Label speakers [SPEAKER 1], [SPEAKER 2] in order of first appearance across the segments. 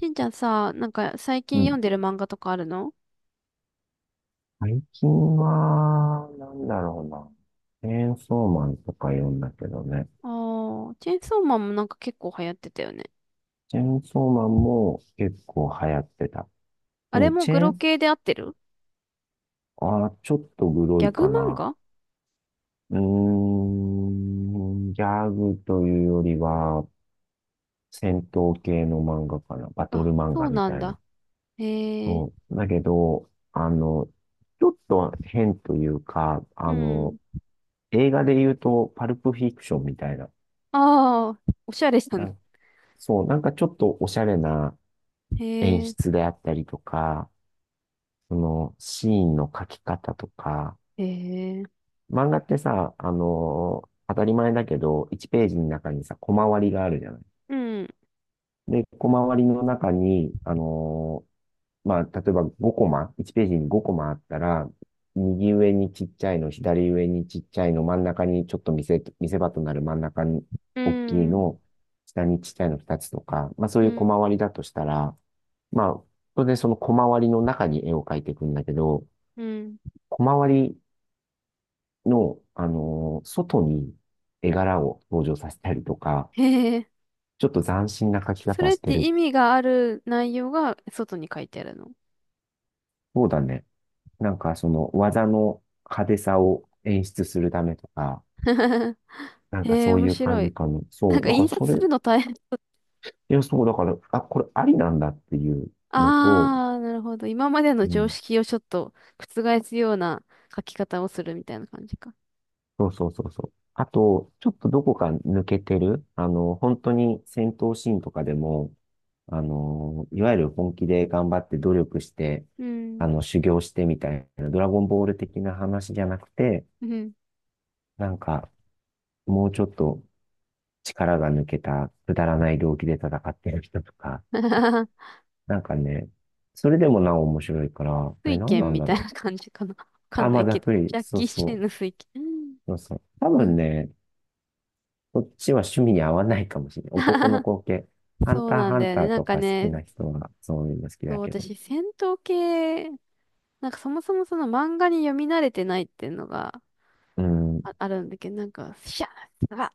[SPEAKER 1] しんちゃんさ、なんか最
[SPEAKER 2] う
[SPEAKER 1] 近読
[SPEAKER 2] ん。
[SPEAKER 1] んでる漫画とかあるの？
[SPEAKER 2] 最近は、なんだろうな。チェーンソーマンとか読んだけどね。
[SPEAKER 1] ああー、チェーンソーマンもなんか結構流行ってたよね。
[SPEAKER 2] チェーンソーマンも結構流行ってた。
[SPEAKER 1] あ
[SPEAKER 2] で
[SPEAKER 1] れ
[SPEAKER 2] も
[SPEAKER 1] も
[SPEAKER 2] チェ
[SPEAKER 1] グ
[SPEAKER 2] ー
[SPEAKER 1] ロ
[SPEAKER 2] ン、
[SPEAKER 1] 系で合ってる？
[SPEAKER 2] あー、ちょっとグロ
[SPEAKER 1] ギャ
[SPEAKER 2] い
[SPEAKER 1] グ
[SPEAKER 2] か
[SPEAKER 1] 漫
[SPEAKER 2] な。
[SPEAKER 1] 画？
[SPEAKER 2] うーん、ギャグというよりは、戦闘系の漫画かな。バトル
[SPEAKER 1] あ、
[SPEAKER 2] 漫
[SPEAKER 1] そ
[SPEAKER 2] 画
[SPEAKER 1] う
[SPEAKER 2] み
[SPEAKER 1] なん
[SPEAKER 2] たいな。
[SPEAKER 1] だ。へえ。
[SPEAKER 2] そう。だけど、ちょっと変というか、
[SPEAKER 1] うん。
[SPEAKER 2] 映画で言うと、パルプフィクションみたいな。
[SPEAKER 1] ああ、おしゃれしたね。
[SPEAKER 2] なんそう、なんかちょっとおしゃれな演
[SPEAKER 1] へえ。
[SPEAKER 2] 出であったりとか、そのシーンの描き方とか、
[SPEAKER 1] へえ。
[SPEAKER 2] 漫画ってさ、当たり前だけど、1ページの中にさ、コマ割りがあるじゃない。
[SPEAKER 1] うん。
[SPEAKER 2] で、コマ割りの中に、まあ、例えば5コマ、1ページに5コマあったら、右上にちっちゃいの、左上にちっちゃいの、真ん中にちょっと見せ場となる真ん中に
[SPEAKER 1] う
[SPEAKER 2] 大きい
[SPEAKER 1] ん。
[SPEAKER 2] の、下にちっちゃいの2つとか、まあ、そう
[SPEAKER 1] う
[SPEAKER 2] いうコ
[SPEAKER 1] ん。
[SPEAKER 2] マ割りだとしたら、まあ、当然そのコマ割りの中に絵を描いていくんだけど、
[SPEAKER 1] うん。
[SPEAKER 2] コマ割りの、外に絵柄を登場させたりとか、
[SPEAKER 1] へえ。
[SPEAKER 2] ちょっと斬新な描き
[SPEAKER 1] そ
[SPEAKER 2] 方
[SPEAKER 1] れっ
[SPEAKER 2] して
[SPEAKER 1] て
[SPEAKER 2] る。
[SPEAKER 1] 意味がある内容が外に書いてあるの？
[SPEAKER 2] そうだね。なんかその技の派手さを演出するためとか、なん
[SPEAKER 1] へ
[SPEAKER 2] か
[SPEAKER 1] え、
[SPEAKER 2] そう
[SPEAKER 1] 面
[SPEAKER 2] いう感
[SPEAKER 1] 白
[SPEAKER 2] じ
[SPEAKER 1] い。
[SPEAKER 2] かな。
[SPEAKER 1] な
[SPEAKER 2] そ
[SPEAKER 1] ん
[SPEAKER 2] う、
[SPEAKER 1] か
[SPEAKER 2] なんか
[SPEAKER 1] 印
[SPEAKER 2] そ
[SPEAKER 1] 刷す
[SPEAKER 2] れ、
[SPEAKER 1] るの大変。
[SPEAKER 2] いや、そう、だから、あ、これありなんだっていうのと、
[SPEAKER 1] ああ、なるほど。今までの
[SPEAKER 2] う
[SPEAKER 1] 常
[SPEAKER 2] ん、
[SPEAKER 1] 識をちょっと覆すような書き方をするみたいな感じか。
[SPEAKER 2] そうそうそうそう。あと、ちょっとどこか抜けてる、本当に戦闘シーンとかでも、いわゆる本気で頑張って努力して、
[SPEAKER 1] うん。
[SPEAKER 2] 修行してみたいな、ドラゴンボール的な話じゃなくて、
[SPEAKER 1] うん。
[SPEAKER 2] なんか、もうちょっと力が抜けた、くだらない動機で戦ってる人とか、なんかね、それでもなお面白いから、あれ
[SPEAKER 1] イ
[SPEAKER 2] 何
[SPEAKER 1] ケ
[SPEAKER 2] な
[SPEAKER 1] ン
[SPEAKER 2] ん
[SPEAKER 1] み
[SPEAKER 2] だ
[SPEAKER 1] たい
[SPEAKER 2] ろ
[SPEAKER 1] な感じかな。わ
[SPEAKER 2] う。
[SPEAKER 1] か
[SPEAKER 2] あ、
[SPEAKER 1] んな
[SPEAKER 2] まあ、
[SPEAKER 1] い
[SPEAKER 2] ざ
[SPEAKER 1] け
[SPEAKER 2] っ
[SPEAKER 1] ど。
[SPEAKER 2] くり、
[SPEAKER 1] ジャッ
[SPEAKER 2] そう
[SPEAKER 1] キー・チェ
[SPEAKER 2] そ
[SPEAKER 1] ン
[SPEAKER 2] う、
[SPEAKER 1] の水県。
[SPEAKER 2] そうそう。多
[SPEAKER 1] う
[SPEAKER 2] 分
[SPEAKER 1] ん。
[SPEAKER 2] ね、こっちは趣味に合わないかもしれない。男の 子系。ハン
[SPEAKER 1] そう
[SPEAKER 2] ター
[SPEAKER 1] なん
[SPEAKER 2] ハ
[SPEAKER 1] だ
[SPEAKER 2] ン
[SPEAKER 1] よ
[SPEAKER 2] タ
[SPEAKER 1] ね。
[SPEAKER 2] ー
[SPEAKER 1] なん
[SPEAKER 2] と
[SPEAKER 1] か
[SPEAKER 2] か好き
[SPEAKER 1] ね、
[SPEAKER 2] な人はそういうの好き
[SPEAKER 1] そ
[SPEAKER 2] だ
[SPEAKER 1] う、
[SPEAKER 2] けど。
[SPEAKER 1] 私、戦闘系、なんかそもそもその漫画に読み慣れてないっていうのが
[SPEAKER 2] うん。
[SPEAKER 1] あるんだけど、なんか、シャッ、ザッ、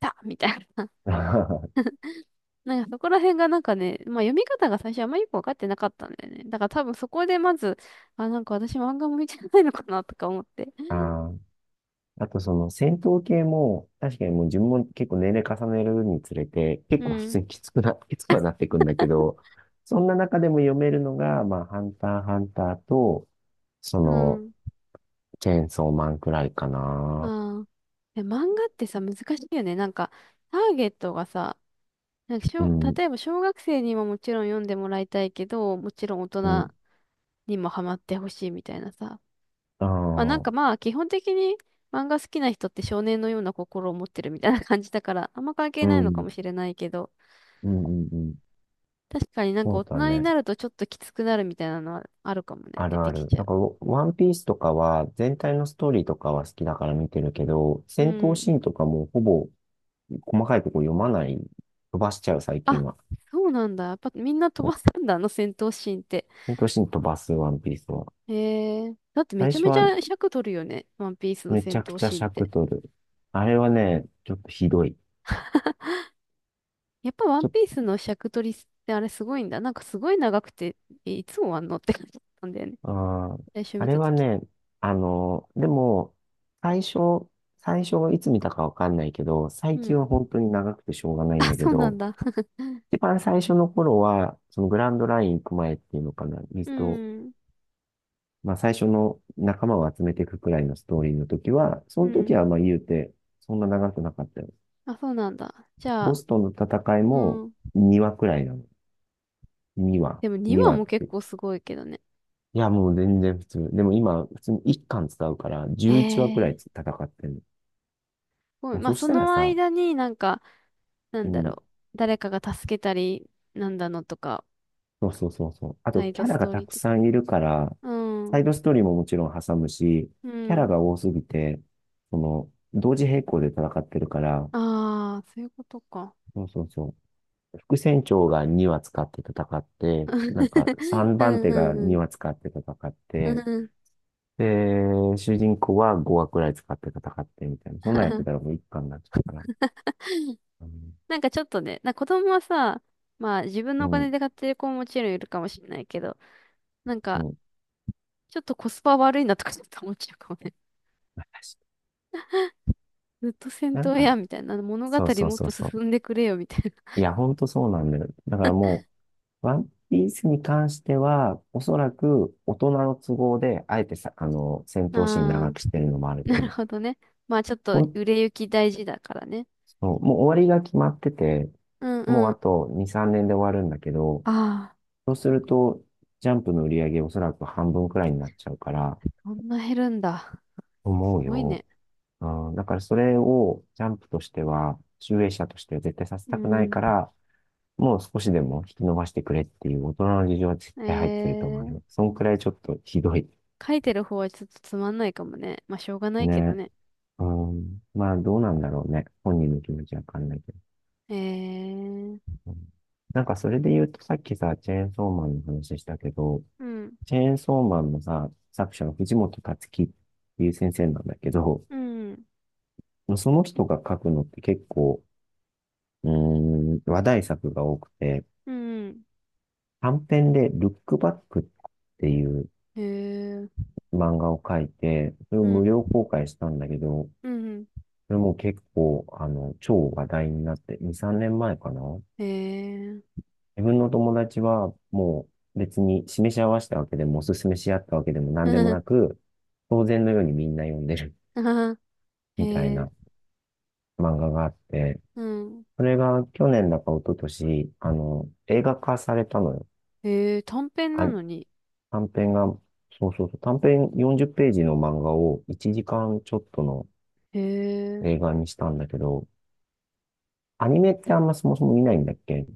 [SPEAKER 1] タッみたいな。
[SPEAKER 2] あ
[SPEAKER 1] なんかそこら辺がなんかね、まあ読み方が最初あんまりよくわかってなかったんだよね。だから多分そこでまず、あ、なんか私漫画向いてないのかなとか思って。
[SPEAKER 2] あ、あとその戦闘系も、確かにもう自分も結構年齢重ねるにつれて、結
[SPEAKER 1] う
[SPEAKER 2] 構普
[SPEAKER 1] ん。
[SPEAKER 2] 通にきつくはなってくんだけど、そんな中でも読めるのが、まあ、ハンター、ハンターと、そ
[SPEAKER 1] う
[SPEAKER 2] の、
[SPEAKER 1] ん。
[SPEAKER 2] チェーンソーマンくらいかな。
[SPEAKER 1] ああ。で、漫画ってさ、難しいよね。なんか、ターゲットがさ、なんかし
[SPEAKER 2] う
[SPEAKER 1] ょ、
[SPEAKER 2] ん、
[SPEAKER 1] 例えば小学生にももちろん読んでもらいたいけど、もちろん大
[SPEAKER 2] うん、
[SPEAKER 1] 人にもハマってほしいみたいなさ。
[SPEAKER 2] あ
[SPEAKER 1] まあなんか
[SPEAKER 2] あ、
[SPEAKER 1] まあ、基本的に漫画好きな人って少年のような心を持ってるみたいな感じだから、あんま関
[SPEAKER 2] う
[SPEAKER 1] 係ないのかも
[SPEAKER 2] ん、
[SPEAKER 1] しれないけど、
[SPEAKER 2] うん、うん、うん。
[SPEAKER 1] 確かになんか
[SPEAKER 2] そう
[SPEAKER 1] 大
[SPEAKER 2] だ
[SPEAKER 1] 人に
[SPEAKER 2] ね。
[SPEAKER 1] なるとちょっときつくなるみたいなのはあるかもね。
[SPEAKER 2] あ
[SPEAKER 1] 出
[SPEAKER 2] るあ
[SPEAKER 1] てき
[SPEAKER 2] る。
[SPEAKER 1] ちゃ
[SPEAKER 2] だから、ワンピースとかは、全体のストーリーとかは好きだから見てるけど、
[SPEAKER 1] う。う
[SPEAKER 2] 戦闘
[SPEAKER 1] ん。
[SPEAKER 2] シーンとかもほぼ細かいとこ読まない、飛ばしちゃう、最近
[SPEAKER 1] あ、
[SPEAKER 2] は。
[SPEAKER 1] そうなんだ。やっぱみんな飛ばすんだ、あの戦闘シーンって。
[SPEAKER 2] 戦闘シーン飛ばす、ワンピースは。
[SPEAKER 1] へえ。だってめ
[SPEAKER 2] 最
[SPEAKER 1] ちゃ
[SPEAKER 2] 初
[SPEAKER 1] めち
[SPEAKER 2] は
[SPEAKER 1] ゃ尺取るよね。ワンピースの
[SPEAKER 2] めち
[SPEAKER 1] 戦
[SPEAKER 2] ゃく
[SPEAKER 1] 闘
[SPEAKER 2] ちゃ
[SPEAKER 1] シーンっ
[SPEAKER 2] 尺
[SPEAKER 1] て。
[SPEAKER 2] 取る。あれはね、ちょっとひどい。
[SPEAKER 1] やっぱワン
[SPEAKER 2] ちょ
[SPEAKER 1] ピー
[SPEAKER 2] っ
[SPEAKER 1] スの尺取りってあれすごいんだ。なんかすごい長くて、えいつ終わんのって感じだったんだよね。
[SPEAKER 2] と、あー、
[SPEAKER 1] 最初
[SPEAKER 2] あ
[SPEAKER 1] 見
[SPEAKER 2] れ
[SPEAKER 1] たと
[SPEAKER 2] は
[SPEAKER 1] き。
[SPEAKER 2] ね、でも、最初、最初はいつ見たかわかんないけど、
[SPEAKER 1] う
[SPEAKER 2] 最
[SPEAKER 1] ん。
[SPEAKER 2] 近は本当に長くてしょうがないん
[SPEAKER 1] あ、
[SPEAKER 2] だけ
[SPEAKER 1] そうなん
[SPEAKER 2] ど、
[SPEAKER 1] だ。
[SPEAKER 2] 一番最初の頃は、そのグランドライン行く前っていうのかな、ミ
[SPEAKER 1] う
[SPEAKER 2] スト、
[SPEAKER 1] ん。
[SPEAKER 2] まあ最初の仲間を集めていくくらいのストーリーの時は、そ
[SPEAKER 1] う
[SPEAKER 2] の時
[SPEAKER 1] ん。
[SPEAKER 2] はまあ言うて、そんな長くなかったよ。
[SPEAKER 1] あ、そうなんだ。じゃ
[SPEAKER 2] ボ
[SPEAKER 1] あ、
[SPEAKER 2] スとの戦い
[SPEAKER 1] う
[SPEAKER 2] も
[SPEAKER 1] ん。
[SPEAKER 2] 2話くらいなの。2話、
[SPEAKER 1] でも2
[SPEAKER 2] 2
[SPEAKER 1] 話
[SPEAKER 2] 話
[SPEAKER 1] も
[SPEAKER 2] っ
[SPEAKER 1] 結
[SPEAKER 2] て。
[SPEAKER 1] 構すごいけどね。
[SPEAKER 2] いや、もう全然普通。でも今、普通に1巻使うから、11話くらい
[SPEAKER 1] え
[SPEAKER 2] 戦
[SPEAKER 1] え
[SPEAKER 2] ってるの。
[SPEAKER 1] ごい
[SPEAKER 2] もう
[SPEAKER 1] まあ、
[SPEAKER 2] そし
[SPEAKER 1] そ
[SPEAKER 2] たら
[SPEAKER 1] の
[SPEAKER 2] さ、
[SPEAKER 1] 間になんか、な
[SPEAKER 2] う
[SPEAKER 1] んだ
[SPEAKER 2] ん、
[SPEAKER 1] ろう。誰かが助けたり、なんだのとか、
[SPEAKER 2] そうそうそうそう。あ
[SPEAKER 1] サ
[SPEAKER 2] と、
[SPEAKER 1] イ
[SPEAKER 2] キ
[SPEAKER 1] ド
[SPEAKER 2] ャ
[SPEAKER 1] ス
[SPEAKER 2] ラが
[SPEAKER 1] トーリ
[SPEAKER 2] た
[SPEAKER 1] ー
[SPEAKER 2] く
[SPEAKER 1] 的。
[SPEAKER 2] さんいるから、
[SPEAKER 1] う
[SPEAKER 2] サ
[SPEAKER 1] ん。
[SPEAKER 2] イドストーリーももちろん挟むし、
[SPEAKER 1] う
[SPEAKER 2] キャラ
[SPEAKER 1] ん。
[SPEAKER 2] が多すぎて、同時並行で戦ってるから、
[SPEAKER 1] ああ、そういうことか。
[SPEAKER 2] そうそうそう。副船長が2話使って戦って、なんか 3
[SPEAKER 1] うんう
[SPEAKER 2] 番手が
[SPEAKER 1] んう
[SPEAKER 2] 2
[SPEAKER 1] ん。
[SPEAKER 2] 話使って戦っ
[SPEAKER 1] う
[SPEAKER 2] て、
[SPEAKER 1] ん。
[SPEAKER 2] で、主人公は5話くらい使って戦ってみたいな。そんなんやってたらも う一巻になっちゃうから。うん、
[SPEAKER 1] なんかちょっとね、な子供はさ、まあ自分の
[SPEAKER 2] う
[SPEAKER 1] お金
[SPEAKER 2] ん、
[SPEAKER 1] で買ってる子ももちろんいるかもしれないけど、なん
[SPEAKER 2] う
[SPEAKER 1] か
[SPEAKER 2] ん。
[SPEAKER 1] ちょっとコスパ悪いなとかちょっと思っちゃうかもね。
[SPEAKER 2] 私、
[SPEAKER 1] ずっと戦
[SPEAKER 2] な
[SPEAKER 1] 闘
[SPEAKER 2] んか、
[SPEAKER 1] やみたいな、物語
[SPEAKER 2] そうそう
[SPEAKER 1] もっ
[SPEAKER 2] そう
[SPEAKER 1] と
[SPEAKER 2] そ
[SPEAKER 1] 進
[SPEAKER 2] う。
[SPEAKER 1] んでくれよみたい
[SPEAKER 2] いや、ほんとそうなんだよ。だからもう、ワンピースに関しては、おそらく大人の都合で、あえてさ、戦
[SPEAKER 1] な。
[SPEAKER 2] 闘シーン
[SPEAKER 1] あ
[SPEAKER 2] 長
[SPEAKER 1] あ。
[SPEAKER 2] くしてるのもあ ると
[SPEAKER 1] なる
[SPEAKER 2] 思う。
[SPEAKER 1] ほどね。まあちょっと
[SPEAKER 2] ほん、
[SPEAKER 1] 売れ行き大事だからね。
[SPEAKER 2] そうもう終わりが決まってて、
[SPEAKER 1] うん
[SPEAKER 2] も
[SPEAKER 1] う
[SPEAKER 2] うあ
[SPEAKER 1] ん。
[SPEAKER 2] と2、3年で終わるんだけど、
[SPEAKER 1] ああ、
[SPEAKER 2] そうすると、ジャンプの売り上げおそらく半分くらいになっちゃうから、
[SPEAKER 1] そんな減るんだ。
[SPEAKER 2] 思
[SPEAKER 1] す
[SPEAKER 2] う
[SPEAKER 1] ごい
[SPEAKER 2] よ。
[SPEAKER 1] ね。
[SPEAKER 2] うん、だからそれをジャンプとしては、集英社としては絶対させ
[SPEAKER 1] う
[SPEAKER 2] たくない
[SPEAKER 1] ん。
[SPEAKER 2] から、もう少しでも引き伸ばしてくれっていう大人の事情は絶
[SPEAKER 1] え
[SPEAKER 2] 対入ってると思われま
[SPEAKER 1] ー、
[SPEAKER 2] す。そんくらいちょっとひどい。
[SPEAKER 1] 書いてる方はちょっとつまんないかもね。まあしょうがないけど
[SPEAKER 2] ね。
[SPEAKER 1] ね。
[SPEAKER 2] うん。まあどうなんだろうね。本人の気持ちはわかんないけど。
[SPEAKER 1] えー。
[SPEAKER 2] うん、なんかそれで言うとさっきさ、チェーンソーマンの話したけど、
[SPEAKER 1] うん。
[SPEAKER 2] チェーンソーマンのさ、作者は藤本達樹っていう先生なんだけど、
[SPEAKER 1] うん。
[SPEAKER 2] その人が書くのって結構、うー話題作が多くて、
[SPEAKER 1] うん。
[SPEAKER 2] 短編でルックバックっていう
[SPEAKER 1] えー。
[SPEAKER 2] 漫画を書いて、それを
[SPEAKER 1] うん。
[SPEAKER 2] 無料公開したんだけど、
[SPEAKER 1] うん。
[SPEAKER 2] それも結構、超話題になって、2、3年前かな。
[SPEAKER 1] えー。
[SPEAKER 2] 自分の友達はもう別に示し合わせたわけでも、おすすめし合ったわけでも 何
[SPEAKER 1] ふ
[SPEAKER 2] でも
[SPEAKER 1] ふ。
[SPEAKER 2] なく、当然のようにみんな読んでる
[SPEAKER 1] あはは。え
[SPEAKER 2] みたい
[SPEAKER 1] ー。
[SPEAKER 2] な漫画があって、
[SPEAKER 1] うん。
[SPEAKER 2] それが去年だか一昨年、映画化されたのよ。
[SPEAKER 1] えー、短編
[SPEAKER 2] あ、
[SPEAKER 1] なのに。
[SPEAKER 2] 短編が、そうそうそう、短編40ページの漫画を1時間ちょっとの
[SPEAKER 1] えー。
[SPEAKER 2] 映画にしたんだけど、アニメってあんまそもそも見ないんだっけ？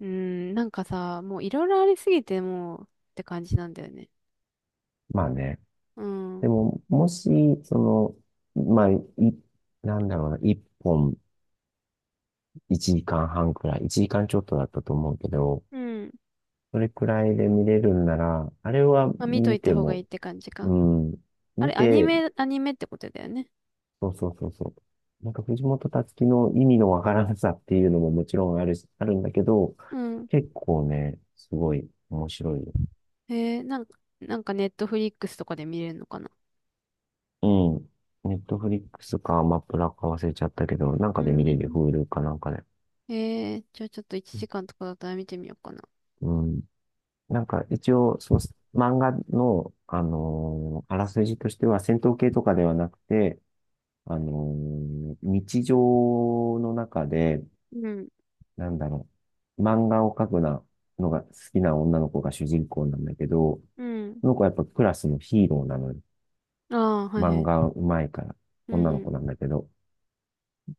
[SPEAKER 1] うん、なんかさ、もういろいろありすぎてもうって感じなんだよね。
[SPEAKER 2] まあね。
[SPEAKER 1] う
[SPEAKER 2] で
[SPEAKER 1] ん。
[SPEAKER 2] も、もし、その、まあ、なんだろうな、本1時間半くらい、1時間ちょっとだったと思うけど、
[SPEAKER 1] うん。
[SPEAKER 2] それくらいで見れるんなら、あれは
[SPEAKER 1] まあ、見と
[SPEAKER 2] 見
[SPEAKER 1] いた
[SPEAKER 2] て
[SPEAKER 1] 方がいい
[SPEAKER 2] も、
[SPEAKER 1] って感じか。
[SPEAKER 2] うん、
[SPEAKER 1] あ
[SPEAKER 2] 見
[SPEAKER 1] れ、アニ
[SPEAKER 2] て、
[SPEAKER 1] メ、アニメってことだよね。
[SPEAKER 2] そうそうそうそう。なんか藤本つ樹の意味のわからなさっていうのももちろんあるし、あるんだけど、
[SPEAKER 1] うん。
[SPEAKER 2] 結構ね、すごい面白いよ。
[SPEAKER 1] えー、なんか、なんかネットフリックスとかで見れるのかな。
[SPEAKER 2] うん。ネットフリックスかアマプラか忘れちゃったけど、なん
[SPEAKER 1] う
[SPEAKER 2] か
[SPEAKER 1] ー
[SPEAKER 2] で見れるよ。
[SPEAKER 1] ん。
[SPEAKER 2] Hulu かなんかで。
[SPEAKER 1] えー、じゃあちょっと1時間とかだったら見てみようかな。
[SPEAKER 2] うん。なんか一応、その漫画の、あらすじとしては戦闘系とかではなくて、日常の中で、
[SPEAKER 1] うん。
[SPEAKER 2] なんだろう、漫画を描くなのが好きな女の子が主人公なんだけど、
[SPEAKER 1] うん。
[SPEAKER 2] その子はやっぱクラスのヒーローなのよ。
[SPEAKER 1] ああ、はいは
[SPEAKER 2] 漫
[SPEAKER 1] い。
[SPEAKER 2] 画うまいから、
[SPEAKER 1] う
[SPEAKER 2] 女の子
[SPEAKER 1] ん。
[SPEAKER 2] なんだけど。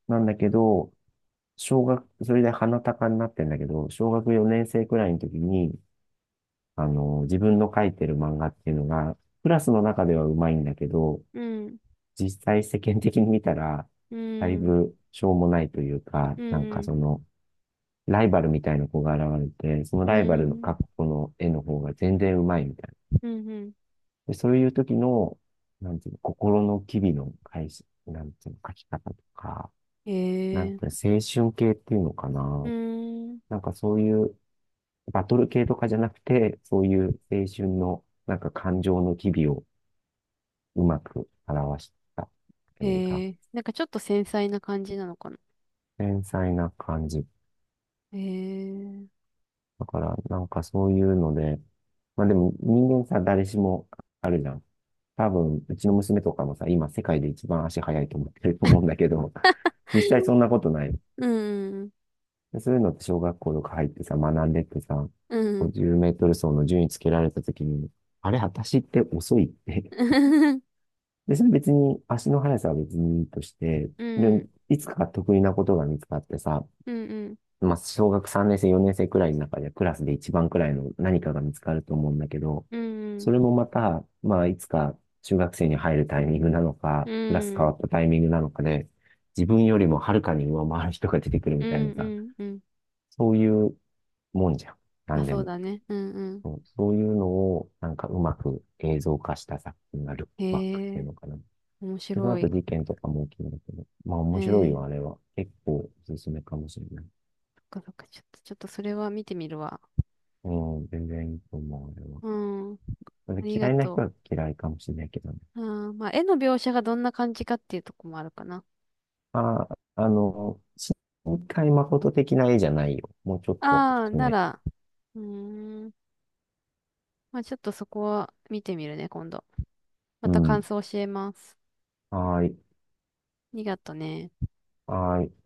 [SPEAKER 2] なんだけど、それで鼻高になってんだけど、小学4年生くらいの時に、自分の描いてる漫画っていうのが、クラスの中ではうまいんだけど、
[SPEAKER 1] うん。
[SPEAKER 2] 実際世間的に見たら、
[SPEAKER 1] う
[SPEAKER 2] だい
[SPEAKER 1] ん。
[SPEAKER 2] ぶしょうもないというか、
[SPEAKER 1] う
[SPEAKER 2] なんか
[SPEAKER 1] ん。
[SPEAKER 2] その、ライバルみたいな子が現れて、その
[SPEAKER 1] う
[SPEAKER 2] ライバルの
[SPEAKER 1] ん。
[SPEAKER 2] 描く子の絵の方が全然うまいみたいな。
[SPEAKER 1] うん。うん。
[SPEAKER 2] で、そういう時の、なんていうの、心の機微の返し、なんていうの、描き方とか、なん
[SPEAKER 1] え
[SPEAKER 2] て、
[SPEAKER 1] ー。
[SPEAKER 2] 青春系っていうのか
[SPEAKER 1] う
[SPEAKER 2] な。
[SPEAKER 1] ん。
[SPEAKER 2] なんかそういう、バトル系とかじゃなくて、そういう青春の、なんか感情の機微をうまく表した
[SPEAKER 1] え
[SPEAKER 2] 映画。
[SPEAKER 1] ー。なんかちょっと繊細な感じなのかな。
[SPEAKER 2] 繊細な感じ。
[SPEAKER 1] えー。
[SPEAKER 2] だから、なんかそういうので、まあでも人間さ、誰しもあるじゃん。多分、うちの娘とかもさ、今世界で一番足速いと思ってると思うんだけど、実際そんなことない。
[SPEAKER 1] うん。
[SPEAKER 2] でそういうのって小学校とか入ってさ、学んでってさ、
[SPEAKER 1] うん。うん。
[SPEAKER 2] 50メートル走の順位つけられたときに、あれ、私って遅いって。で、それ別に、足の速さは別にいいとして、
[SPEAKER 1] う
[SPEAKER 2] で、
[SPEAKER 1] ん
[SPEAKER 2] いつか得意なことが見つかってさ、
[SPEAKER 1] うんうん。
[SPEAKER 2] まあ、小学3年生、4年生くらいの中でクラスで一番くらいの何かが見つかると思うんだけど、
[SPEAKER 1] う
[SPEAKER 2] そ
[SPEAKER 1] ん
[SPEAKER 2] れもまた、まあ、いつか中学生に入るタイミングなの
[SPEAKER 1] う
[SPEAKER 2] か、
[SPEAKER 1] ん。
[SPEAKER 2] クラス
[SPEAKER 1] う
[SPEAKER 2] 変わ
[SPEAKER 1] ん
[SPEAKER 2] ったタイミングなのかで、自分よりもはるかに上回る人が出てくる
[SPEAKER 1] う
[SPEAKER 2] みたいなさ、
[SPEAKER 1] んうん。
[SPEAKER 2] そういうもんじゃん。な
[SPEAKER 1] まあ
[SPEAKER 2] んで
[SPEAKER 1] そう
[SPEAKER 2] も。
[SPEAKER 1] だね。うんうん。
[SPEAKER 2] そうそういうのを、なんかうまく映像化した作品がルックバックって
[SPEAKER 1] へ
[SPEAKER 2] いう
[SPEAKER 1] え、
[SPEAKER 2] のかな。で
[SPEAKER 1] 面
[SPEAKER 2] その
[SPEAKER 1] 白
[SPEAKER 2] 後
[SPEAKER 1] い。
[SPEAKER 2] 事件とかも起きるんだけど、まあ
[SPEAKER 1] え
[SPEAKER 2] 面白いよ、
[SPEAKER 1] ー、
[SPEAKER 2] あれは。結構おすすめかもしれない。
[SPEAKER 1] そっかそっか。ちょっと、ちょっとそれは見てみるわ。
[SPEAKER 2] うん、全然いいと思う、あれは。
[SPEAKER 1] うん。
[SPEAKER 2] それ
[SPEAKER 1] あ
[SPEAKER 2] で
[SPEAKER 1] り
[SPEAKER 2] 嫌
[SPEAKER 1] が
[SPEAKER 2] いな人
[SPEAKER 1] と
[SPEAKER 2] は嫌いかもしれないけどね。
[SPEAKER 1] う。うん。まあ絵の描写がどんな感じかっていうとこもあるかな。
[SPEAKER 2] まあ、新海誠的な絵じゃないよ。もうちょっと普
[SPEAKER 1] ああ、
[SPEAKER 2] 通
[SPEAKER 1] な
[SPEAKER 2] の絵。
[SPEAKER 1] ら、うーん。まあちょっとそこは見てみるね、今度。ま
[SPEAKER 2] う
[SPEAKER 1] た感
[SPEAKER 2] ん。
[SPEAKER 1] 想教えます。
[SPEAKER 2] はーい。
[SPEAKER 1] ありがとね。
[SPEAKER 2] はーい。